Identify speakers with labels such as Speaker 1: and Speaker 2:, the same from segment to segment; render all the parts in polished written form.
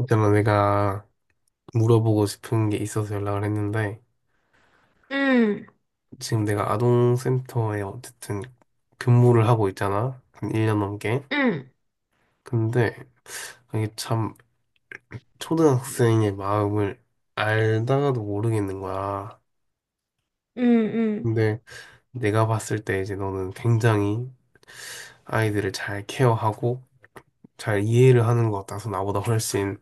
Speaker 1: 있잖아, 내가 물어보고 싶은 게 있어서 연락을 했는데,
Speaker 2: 응,
Speaker 1: 지금 내가 아동센터에 어쨌든 근무를 하고 있잖아. 한 1년 넘게.
Speaker 2: 응,
Speaker 1: 근데 이게 참 초등학생의 마음을 알다가도 모르겠는 거야.
Speaker 2: 응, 응,
Speaker 1: 근데 내가 봤을 때 이제 너는 굉장히 아이들을 잘 케어하고 잘 이해를 하는 것 같아서 나보다 훨씬.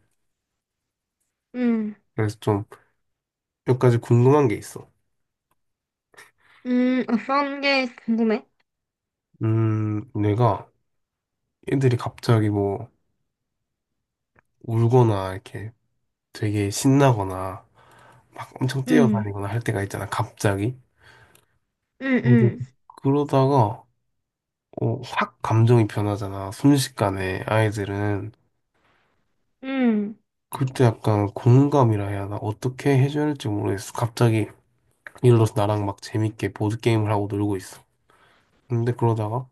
Speaker 2: 응,
Speaker 1: 그래서 좀 몇 가지 궁금한 게 있어.
Speaker 2: 응, 어떤 게 궁금해?
Speaker 1: 내가 애들이 갑자기 뭐 울거나 이렇게 되게 신나거나 막 엄청
Speaker 2: 응,
Speaker 1: 뛰어다니거나 할 때가 있잖아, 갑자기.
Speaker 2: 응,
Speaker 1: 그
Speaker 2: 응,
Speaker 1: 그러다가 어, 확 감정이 변하잖아, 순식간에 아이들은.
Speaker 2: 응,
Speaker 1: 그때 약간 공감이라 해야 하나? 어떻게 해줘야 할지 모르겠어. 갑자기 예를 들어서 나랑 막 재밌게 보드게임을 하고 놀고 있어. 근데 그러다가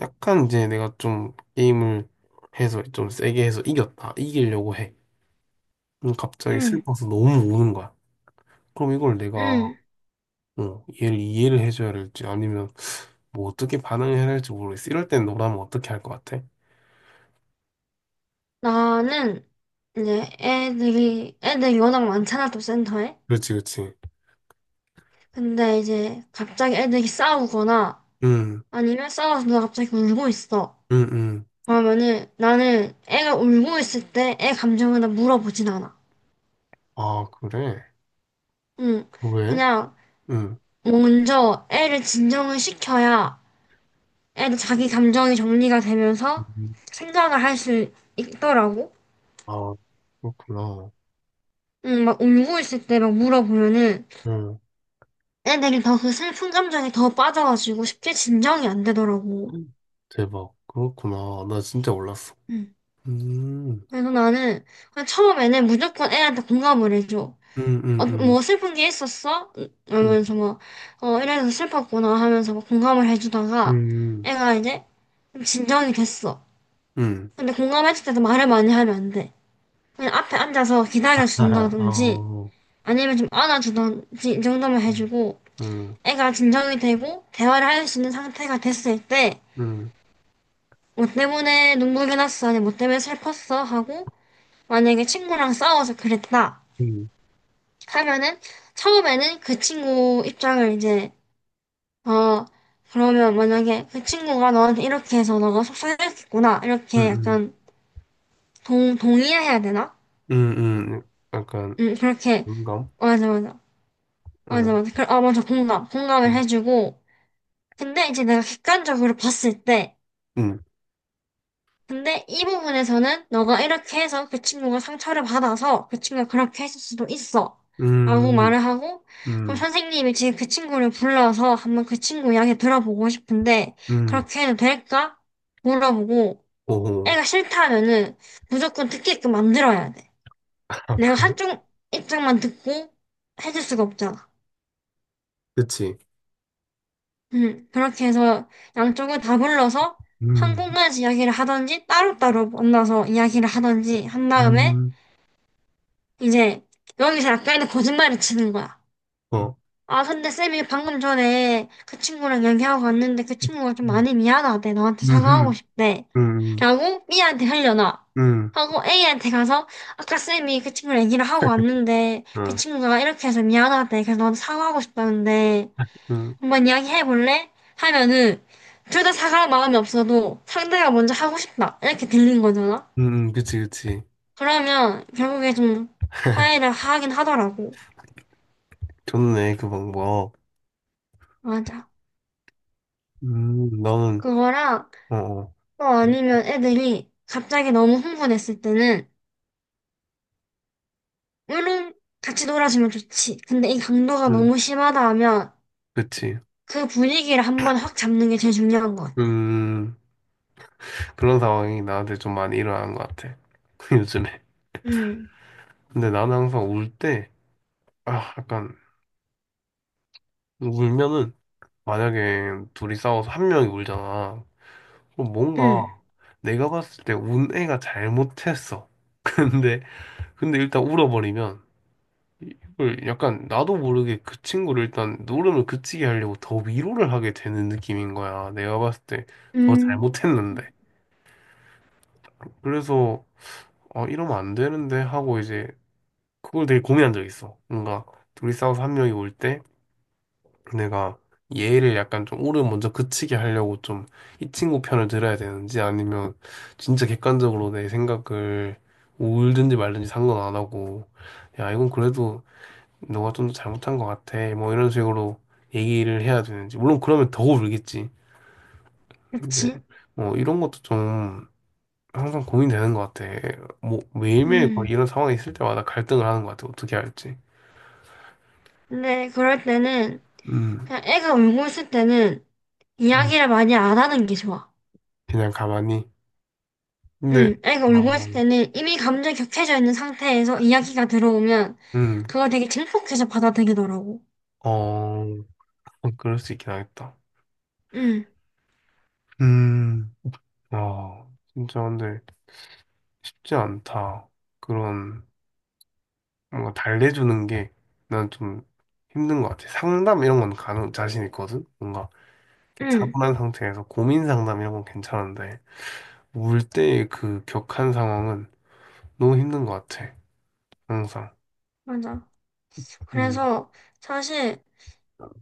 Speaker 1: 약간 이제 내가 좀 게임을 해서 좀 세게 해서 이겼다. 이기려고 해. 그럼 갑자기
Speaker 2: 응,
Speaker 1: 슬퍼서 너무 우는 거야. 그럼 이걸 내가
Speaker 2: 응.
Speaker 1: 어, 얘를 이해를 해줘야 할지 아니면 뭐 어떻게 반응해야 할지 모르겠어. 이럴 땐 너라면 어떻게 할 것 같아?
Speaker 2: 나는 이제 애들이 워낙 많잖아, 또 센터에.
Speaker 1: 그렇지, 그렇지.
Speaker 2: 근데 이제 갑자기 애들이 싸우거나
Speaker 1: 응,
Speaker 2: 아니면 싸워서 누가 갑자기 울고 있어.
Speaker 1: 응, 응.
Speaker 2: 그러면은 나는 애가 울고 있을 때 애 감정을 나 물어보진 않아.
Speaker 1: 아, 그래?
Speaker 2: 응,
Speaker 1: 어, 왜?
Speaker 2: 그냥
Speaker 1: 응.
Speaker 2: 먼저 애를 진정을 시켜야 애도 자기 감정이 정리가 되면서
Speaker 1: 음.
Speaker 2: 생각을 할 수 있더라고.
Speaker 1: 아, 그렇구나.
Speaker 2: 응, 막 울고 있을 때 막 물어보면은
Speaker 1: 응.
Speaker 2: 애들이 더 그 슬픈 감정에 더 빠져가지고 쉽게 진정이 안 되더라고.
Speaker 1: 대박. 그렇구나. 나 진짜 몰랐어.
Speaker 2: 응,
Speaker 1: 음,
Speaker 2: 그래서 나는 그냥 처음에는 무조건 애한테 공감을 해줘.
Speaker 1: 음,
Speaker 2: 어, 뭐
Speaker 1: 음,
Speaker 2: 슬픈 게 있었어?
Speaker 1: 음,
Speaker 2: 이러면서 막, 어, 이래서 슬펐구나 하면서 막 공감을
Speaker 1: 음,
Speaker 2: 해주다가
Speaker 1: 음,
Speaker 2: 애가 이제 좀 진정이 됐어.
Speaker 1: 음.
Speaker 2: 근데 공감했을 때도 말을 많이 하면 안 돼. 그냥 앞에 앉아서
Speaker 1: 아,
Speaker 2: 기다려준다든지
Speaker 1: 어,
Speaker 2: 아니면 좀 안아주던지 이 정도만
Speaker 1: 음,
Speaker 2: 해주고
Speaker 1: 음,
Speaker 2: 애가 진정이 되고 대화를 할 수 있는 상태가 됐을 때 뭐 때문에 눈물이 났어 아니 뭐 때문에 슬펐어 하고 만약에 친구랑 싸워서 그랬다
Speaker 1: 음,
Speaker 2: 하면은 처음에는 그 친구 입장을 이제 어 그러면 만약에 그 친구가 너한테 이렇게 해서 너가 속상했겠구나 이렇게
Speaker 1: 음,
Speaker 2: 약간 동 동의해야 되나?
Speaker 1: 약간,
Speaker 2: 그렇게
Speaker 1: 공감?
Speaker 2: 맞아 맞아
Speaker 1: 어,
Speaker 2: 맞아 맞아 그, 아 맞아 공감 공감을
Speaker 1: 음,
Speaker 2: 해주고 근데 이제 내가 객관적으로 봤을 때,
Speaker 1: 음,
Speaker 2: 근데 이 부분에서는 너가 이렇게 해서 그 친구가 상처를 받아서 그 친구가 그렇게 했을 수도 있어. 라고
Speaker 1: 음,
Speaker 2: 말을 하고, 그럼
Speaker 1: 음,
Speaker 2: 선생님이 지금 그 친구를 불러서 한번 그 친구 이야기 들어보고 싶은데,
Speaker 1: 음.
Speaker 2: 그렇게 해도 될까? 물어보고,
Speaker 1: 오호.
Speaker 2: 애가 싫다면은 무조건 듣게끔 만들어야 돼. 내가 한쪽 입장만 듣고 해줄 수가 없잖아.
Speaker 1: 그치.
Speaker 2: 그렇게 해서 양쪽을 다 불러서 한
Speaker 1: 음,
Speaker 2: 공간에서 이야기를 하든지 따로따로 만나서 이야기를 하든지 한 다음에
Speaker 1: 음,
Speaker 2: 이제 여기서 약간의 거짓말을 치는 거야.
Speaker 1: 어.
Speaker 2: 아, 근데 쌤이 방금 전에 그 친구랑 얘기하고 왔는데 그 친구가 좀
Speaker 1: 음,
Speaker 2: 많이 미안하대. 너한테 사과하고
Speaker 1: 음,
Speaker 2: 싶대.
Speaker 1: 음,
Speaker 2: 라고 B한테 흘려놔.
Speaker 1: 음,
Speaker 2: 하고 A한테 가서 아까 쌤이 그 친구랑 얘기를 하고 왔는데 그
Speaker 1: 음,
Speaker 2: 친구가 이렇게 해서 미안하대. 그래서 너한테 사과하고 싶다는데
Speaker 1: 음,
Speaker 2: 한번 이야기 해볼래? 하면은 둘 다 사갈 마음이 없어도 상대가 먼저 하고 싶다 이렇게 들린 거잖아.
Speaker 1: 그치, 그치.
Speaker 2: 그러면 결국에 좀 화해를 하긴 하더라고.
Speaker 1: 좋네, 그 방법.
Speaker 2: 맞아.
Speaker 1: 너는,
Speaker 2: 그거랑
Speaker 1: 어, 어.
Speaker 2: 또 아니면 애들이 갑자기 너무 흥분했을 때는 물론 같이 놀아주면 좋지. 근데 이 강도가
Speaker 1: 음,
Speaker 2: 너무 심하다 하면
Speaker 1: 그치.
Speaker 2: 그 분위기를 한번 확 잡는 게 제일 중요한 것 같아.
Speaker 1: 음, 그런 상황이 나한테 좀 많이 일어나는 것 같아, 요즘에.
Speaker 2: 음,
Speaker 1: 근데 나는 항상 울 때, 아, 약간, 울면은, 만약에 둘이 싸워서 한 명이 울잖아. 그럼 뭔가,
Speaker 2: 음,
Speaker 1: 내가 봤을 때 운 애가 잘못했어. 근데, 근데 일단 울어버리면 이걸 약간 나도 모르게 그 친구를 일단 울음을 그치게 하려고 더 위로를 하게 되는 느낌인 거야. 내가 봤을 때 더
Speaker 2: 음,
Speaker 1: 잘못했는데. 그래서 아 이러면 안 되는데 하고 이제 그걸 되게 고민한 적 있어. 뭔가 둘이 싸워서 한 명이 울 때 내가 얘를 약간 좀 울음 먼저 그치게 하려고 좀 이 친구 편을 들어야 되는지 아니면 진짜 객관적으로 내 생각을 울든지 말든지 상관 안 하고 야 이건 그래도 너가 좀 더 잘못한 것 같아. 뭐 이런 식으로 얘기를 해야 되는지. 물론 그러면 더 울겠지. 근데
Speaker 2: 그치?
Speaker 1: 뭐 이런 것도 좀 항상 고민되는 것 같아. 뭐 매일매일 거의
Speaker 2: 음.
Speaker 1: 이런 상황이 있을 때마다 갈등을 하는 것 같아. 어떻게 할지.
Speaker 2: 근데 그럴 때는
Speaker 1: 음,
Speaker 2: 그냥 애가 울고 있을 때는
Speaker 1: 음,
Speaker 2: 이야기를 많이 안 하는 게 좋아.
Speaker 1: 그냥 가만히. 근데,
Speaker 2: 응, 애가 울고
Speaker 1: 어,
Speaker 2: 있을 때는 이미 감정이 격해져 있는 상태에서 이야기가 들어오면
Speaker 1: 음,
Speaker 2: 그걸 되게 증폭해서 받아들이더라고.
Speaker 1: 어, 그럴 수 있긴 하겠다.
Speaker 2: 응,
Speaker 1: 음, 아, 진짜 근데 쉽지 않다. 그런. 뭔가 달래주는 게 난 좀 힘든 것 같아. 상담 이런 건 가능, 자신 있거든? 뭔가 이렇게
Speaker 2: 응,
Speaker 1: 차분한 상태에서 고민 상담 이런 건 괜찮은데, 울 때의 그 격한 상황은 너무 힘든 것 같아. 항상.
Speaker 2: 맞아.
Speaker 1: 음,
Speaker 2: 그래서 사실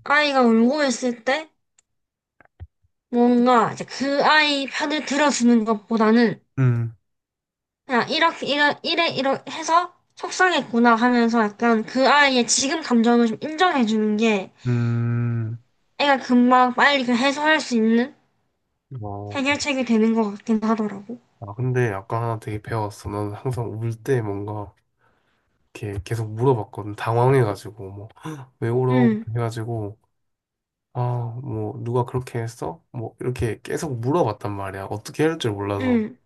Speaker 2: 아이가 울고 있을 때 뭔가 이제 그 아이 편을 들어주는 것보다는
Speaker 1: 음,
Speaker 2: 그냥 이렇게, 이래, 이래, 이래 해서 속상했구나 하면서 약간 그 아이의 지금 감정을 좀 인정해주는 게
Speaker 1: 음.
Speaker 2: 애가 금방 빨리 그 해소할 수 있는
Speaker 1: 어.
Speaker 2: 해결책이 되는 것 같긴 하더라고.
Speaker 1: 아, 근데 약간 하나 되게 배웠어. 나는 항상 울 때 뭔가 이렇게 계속 물어봤거든. 당황해가지고, 뭐, 헉, 왜 울어?
Speaker 2: 응,
Speaker 1: 해가지고. 아, 뭐, 누가 그렇게 했어? 뭐, 이렇게 계속 물어봤단 말이야. 어떻게 해야 할 줄 몰라서.
Speaker 2: 응,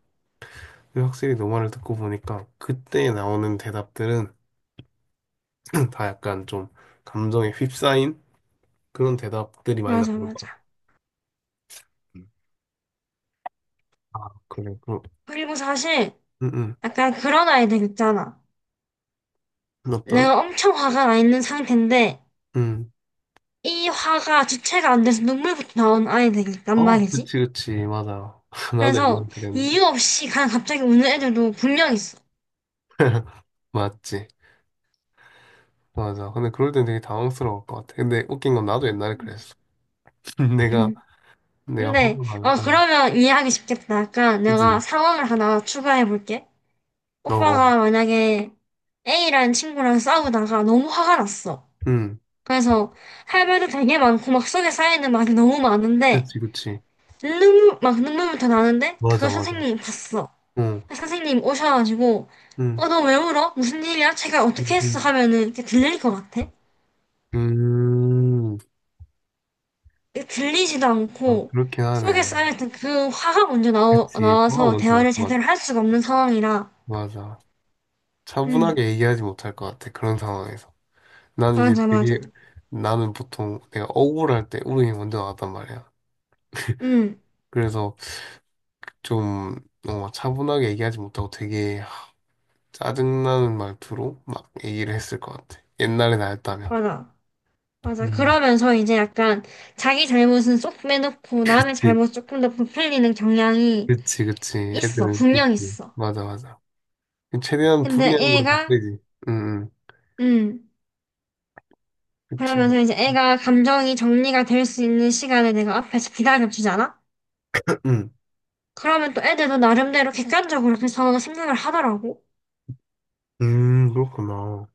Speaker 1: 근데 확실히 너 말을 듣고 보니까 그때 나오는 대답들은 다 약간 좀 감정에 휩싸인 그런 대답들이 많이
Speaker 2: 맞아,
Speaker 1: 나오는 것
Speaker 2: 맞아.
Speaker 1: 같아. 음. 아, 그래, 그럼.
Speaker 2: 그리고 사실
Speaker 1: 응, 응.
Speaker 2: 약간 그런 아이들 있잖아.
Speaker 1: 어떤?
Speaker 2: 내가 엄청 화가 나 있는 상태인데
Speaker 1: 응.
Speaker 2: 이 화가 주체가 안 돼서 눈물부터 나오는 아이들이 있단
Speaker 1: 어,
Speaker 2: 말이지.
Speaker 1: 그치, 그치. 맞아. 나도 옛날에
Speaker 2: 그래서
Speaker 1: 그랬는데.
Speaker 2: 이유 없이 그냥 갑자기 우는 애들도 분명 있어.
Speaker 1: 맞지. 맞아. 근데 그럴 땐 되게 당황스러울 것 같아. 근데 웃긴 건 나도 옛날에
Speaker 2: 응.
Speaker 1: 그랬어. 내가,
Speaker 2: 응.
Speaker 1: 내가 화가
Speaker 2: 근데
Speaker 1: 나면,
Speaker 2: 어
Speaker 1: 어,
Speaker 2: 그러면 이해하기 쉽겠다. 약간 내가
Speaker 1: 그치.
Speaker 2: 상황을 하나 추가해 볼게.
Speaker 1: 어, 어.
Speaker 2: 오빠가 만약에 A라는 친구랑 싸우다가 너무 화가 났어.
Speaker 1: 응.
Speaker 2: 그래서 할 말도 되게 많고 막 속에 쌓여있는 말이 너무 많은데
Speaker 1: 그치, 그치.
Speaker 2: 눈물 막 눈물부터 나는데
Speaker 1: 맞아,
Speaker 2: 그걸
Speaker 1: 맞아.
Speaker 2: 선생님이 봤어.
Speaker 1: 응
Speaker 2: 선생님 오셔가지고
Speaker 1: 응
Speaker 2: 어 너 왜 울어? 무슨 일이야? 제가
Speaker 1: 응
Speaker 2: 어떻게
Speaker 1: 응
Speaker 2: 했어? 하면은 이렇게 들릴 것 같아.
Speaker 1: 음,
Speaker 2: 이게 들리지도
Speaker 1: 아,
Speaker 2: 않고
Speaker 1: 그렇긴
Speaker 2: 속에 쌓여
Speaker 1: 하네.
Speaker 2: 있던 그 화가 먼저
Speaker 1: 그치, 소화
Speaker 2: 나와서
Speaker 1: 먼저 알
Speaker 2: 대화를
Speaker 1: 것
Speaker 2: 제대로
Speaker 1: 같아.
Speaker 2: 할 수가 없는 상황이라
Speaker 1: 맞아.
Speaker 2: 음
Speaker 1: 차분하게 얘기하지 못할 것 같아, 그런 상황에서. 난 이제
Speaker 2: 맞아 맞아
Speaker 1: 되게, 나는 보통 내가 억울할 때 울음이 먼저 나왔단 말이야.
Speaker 2: 음
Speaker 1: 그래서 좀, 어, 차분하게 얘기하지 못하고 되게 짜증나는 말투로 막 얘기를 했을 것 같아. 옛날에 나였다면.
Speaker 2: 맞아 맞아
Speaker 1: 음.
Speaker 2: 그러면서 이제 약간 자기 잘못은 쏙 빼놓고 남의
Speaker 1: 그치,
Speaker 2: 잘못 조금 더 부풀리는 경향이
Speaker 1: 그치, 그치.
Speaker 2: 있어,
Speaker 1: 애들은
Speaker 2: 분명
Speaker 1: 있지.
Speaker 2: 있어.
Speaker 1: 맞아, 맞아. 최대한
Speaker 2: 근데
Speaker 1: 불리한 건 다 빼지. 응, 응.
Speaker 2: 음,
Speaker 1: 그치.
Speaker 2: 그러면서 이제 애가 감정이 정리가 될 수 있는 시간을 내가 앞에서 기다려주잖아?
Speaker 1: 응.
Speaker 2: 그러면 또 애들도 나름대로 객관적으로 그 상황을 생각을 하더라고.
Speaker 1: 그렇구나.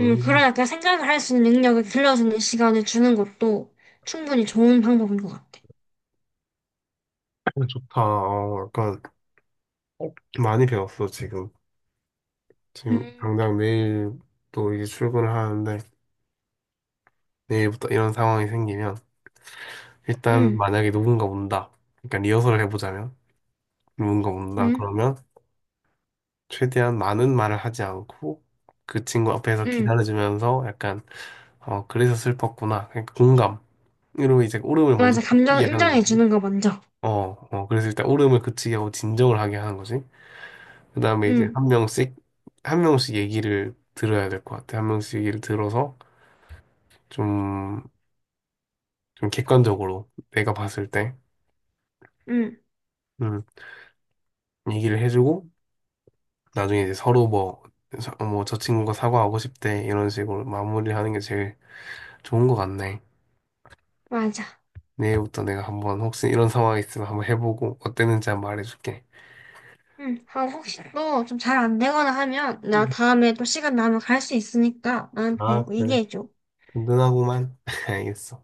Speaker 2: 그러니까 생각을 할 수 있는 능력을 길러주는 시간을 주는 것도 충분히 좋은 방법인 것 같아.
Speaker 1: 어, 좋다. 어, 약간 많이 배웠어, 지금. 지금
Speaker 2: 음,
Speaker 1: 당장 내일 또 이제 출근을 하는데, 내일부터 이런 상황이 생기면, 일단
Speaker 2: 음,
Speaker 1: 만약에 누군가 온다. 그러니까 리허설을 해보자면, 누군가 온다.
Speaker 2: 음,
Speaker 1: 그러면 최대한 많은 말을 하지 않고, 그 친구 앞에서
Speaker 2: 음.
Speaker 1: 기다려주면서 약간, 어, 그래서 슬펐구나. 그러니까 공감. 으로 이제 울음을 먼저
Speaker 2: 맞아, 감정을
Speaker 1: 느끼게 하는 거지.
Speaker 2: 인정해주는 거 먼저.
Speaker 1: 어, 어, 그래서 일단 울음을 그치게 하고 진정을 하게 하는 거지. 그 다음에 이제
Speaker 2: 음,
Speaker 1: 한 명씩, 한 명씩 얘기를 들어야 될 것 같아. 한 명씩 얘기를 들어서 좀, 좀 객관적으로 내가 봤을 때,
Speaker 2: 음,
Speaker 1: 음, 얘기를 해주고, 나중에 이제 서로 뭐, 뭐, 저 친구가 사과하고 싶대. 이런 식으로 마무리하는 게 제일 좋은 것 같네.
Speaker 2: 맞아.
Speaker 1: 내일부터 내가 한번 혹시 이런 상황이 있으면 한번 해보고 어땠는지 한번 말해줄게.
Speaker 2: 응, 아, 혹시 또 좀 잘 안 되거나 하면, 나
Speaker 1: 음.
Speaker 2: 다음에 또 시간 나면 갈 수 있으니까 나한테
Speaker 1: 아, 그래.
Speaker 2: 얘기해줘.
Speaker 1: 든든하구만. 알겠어.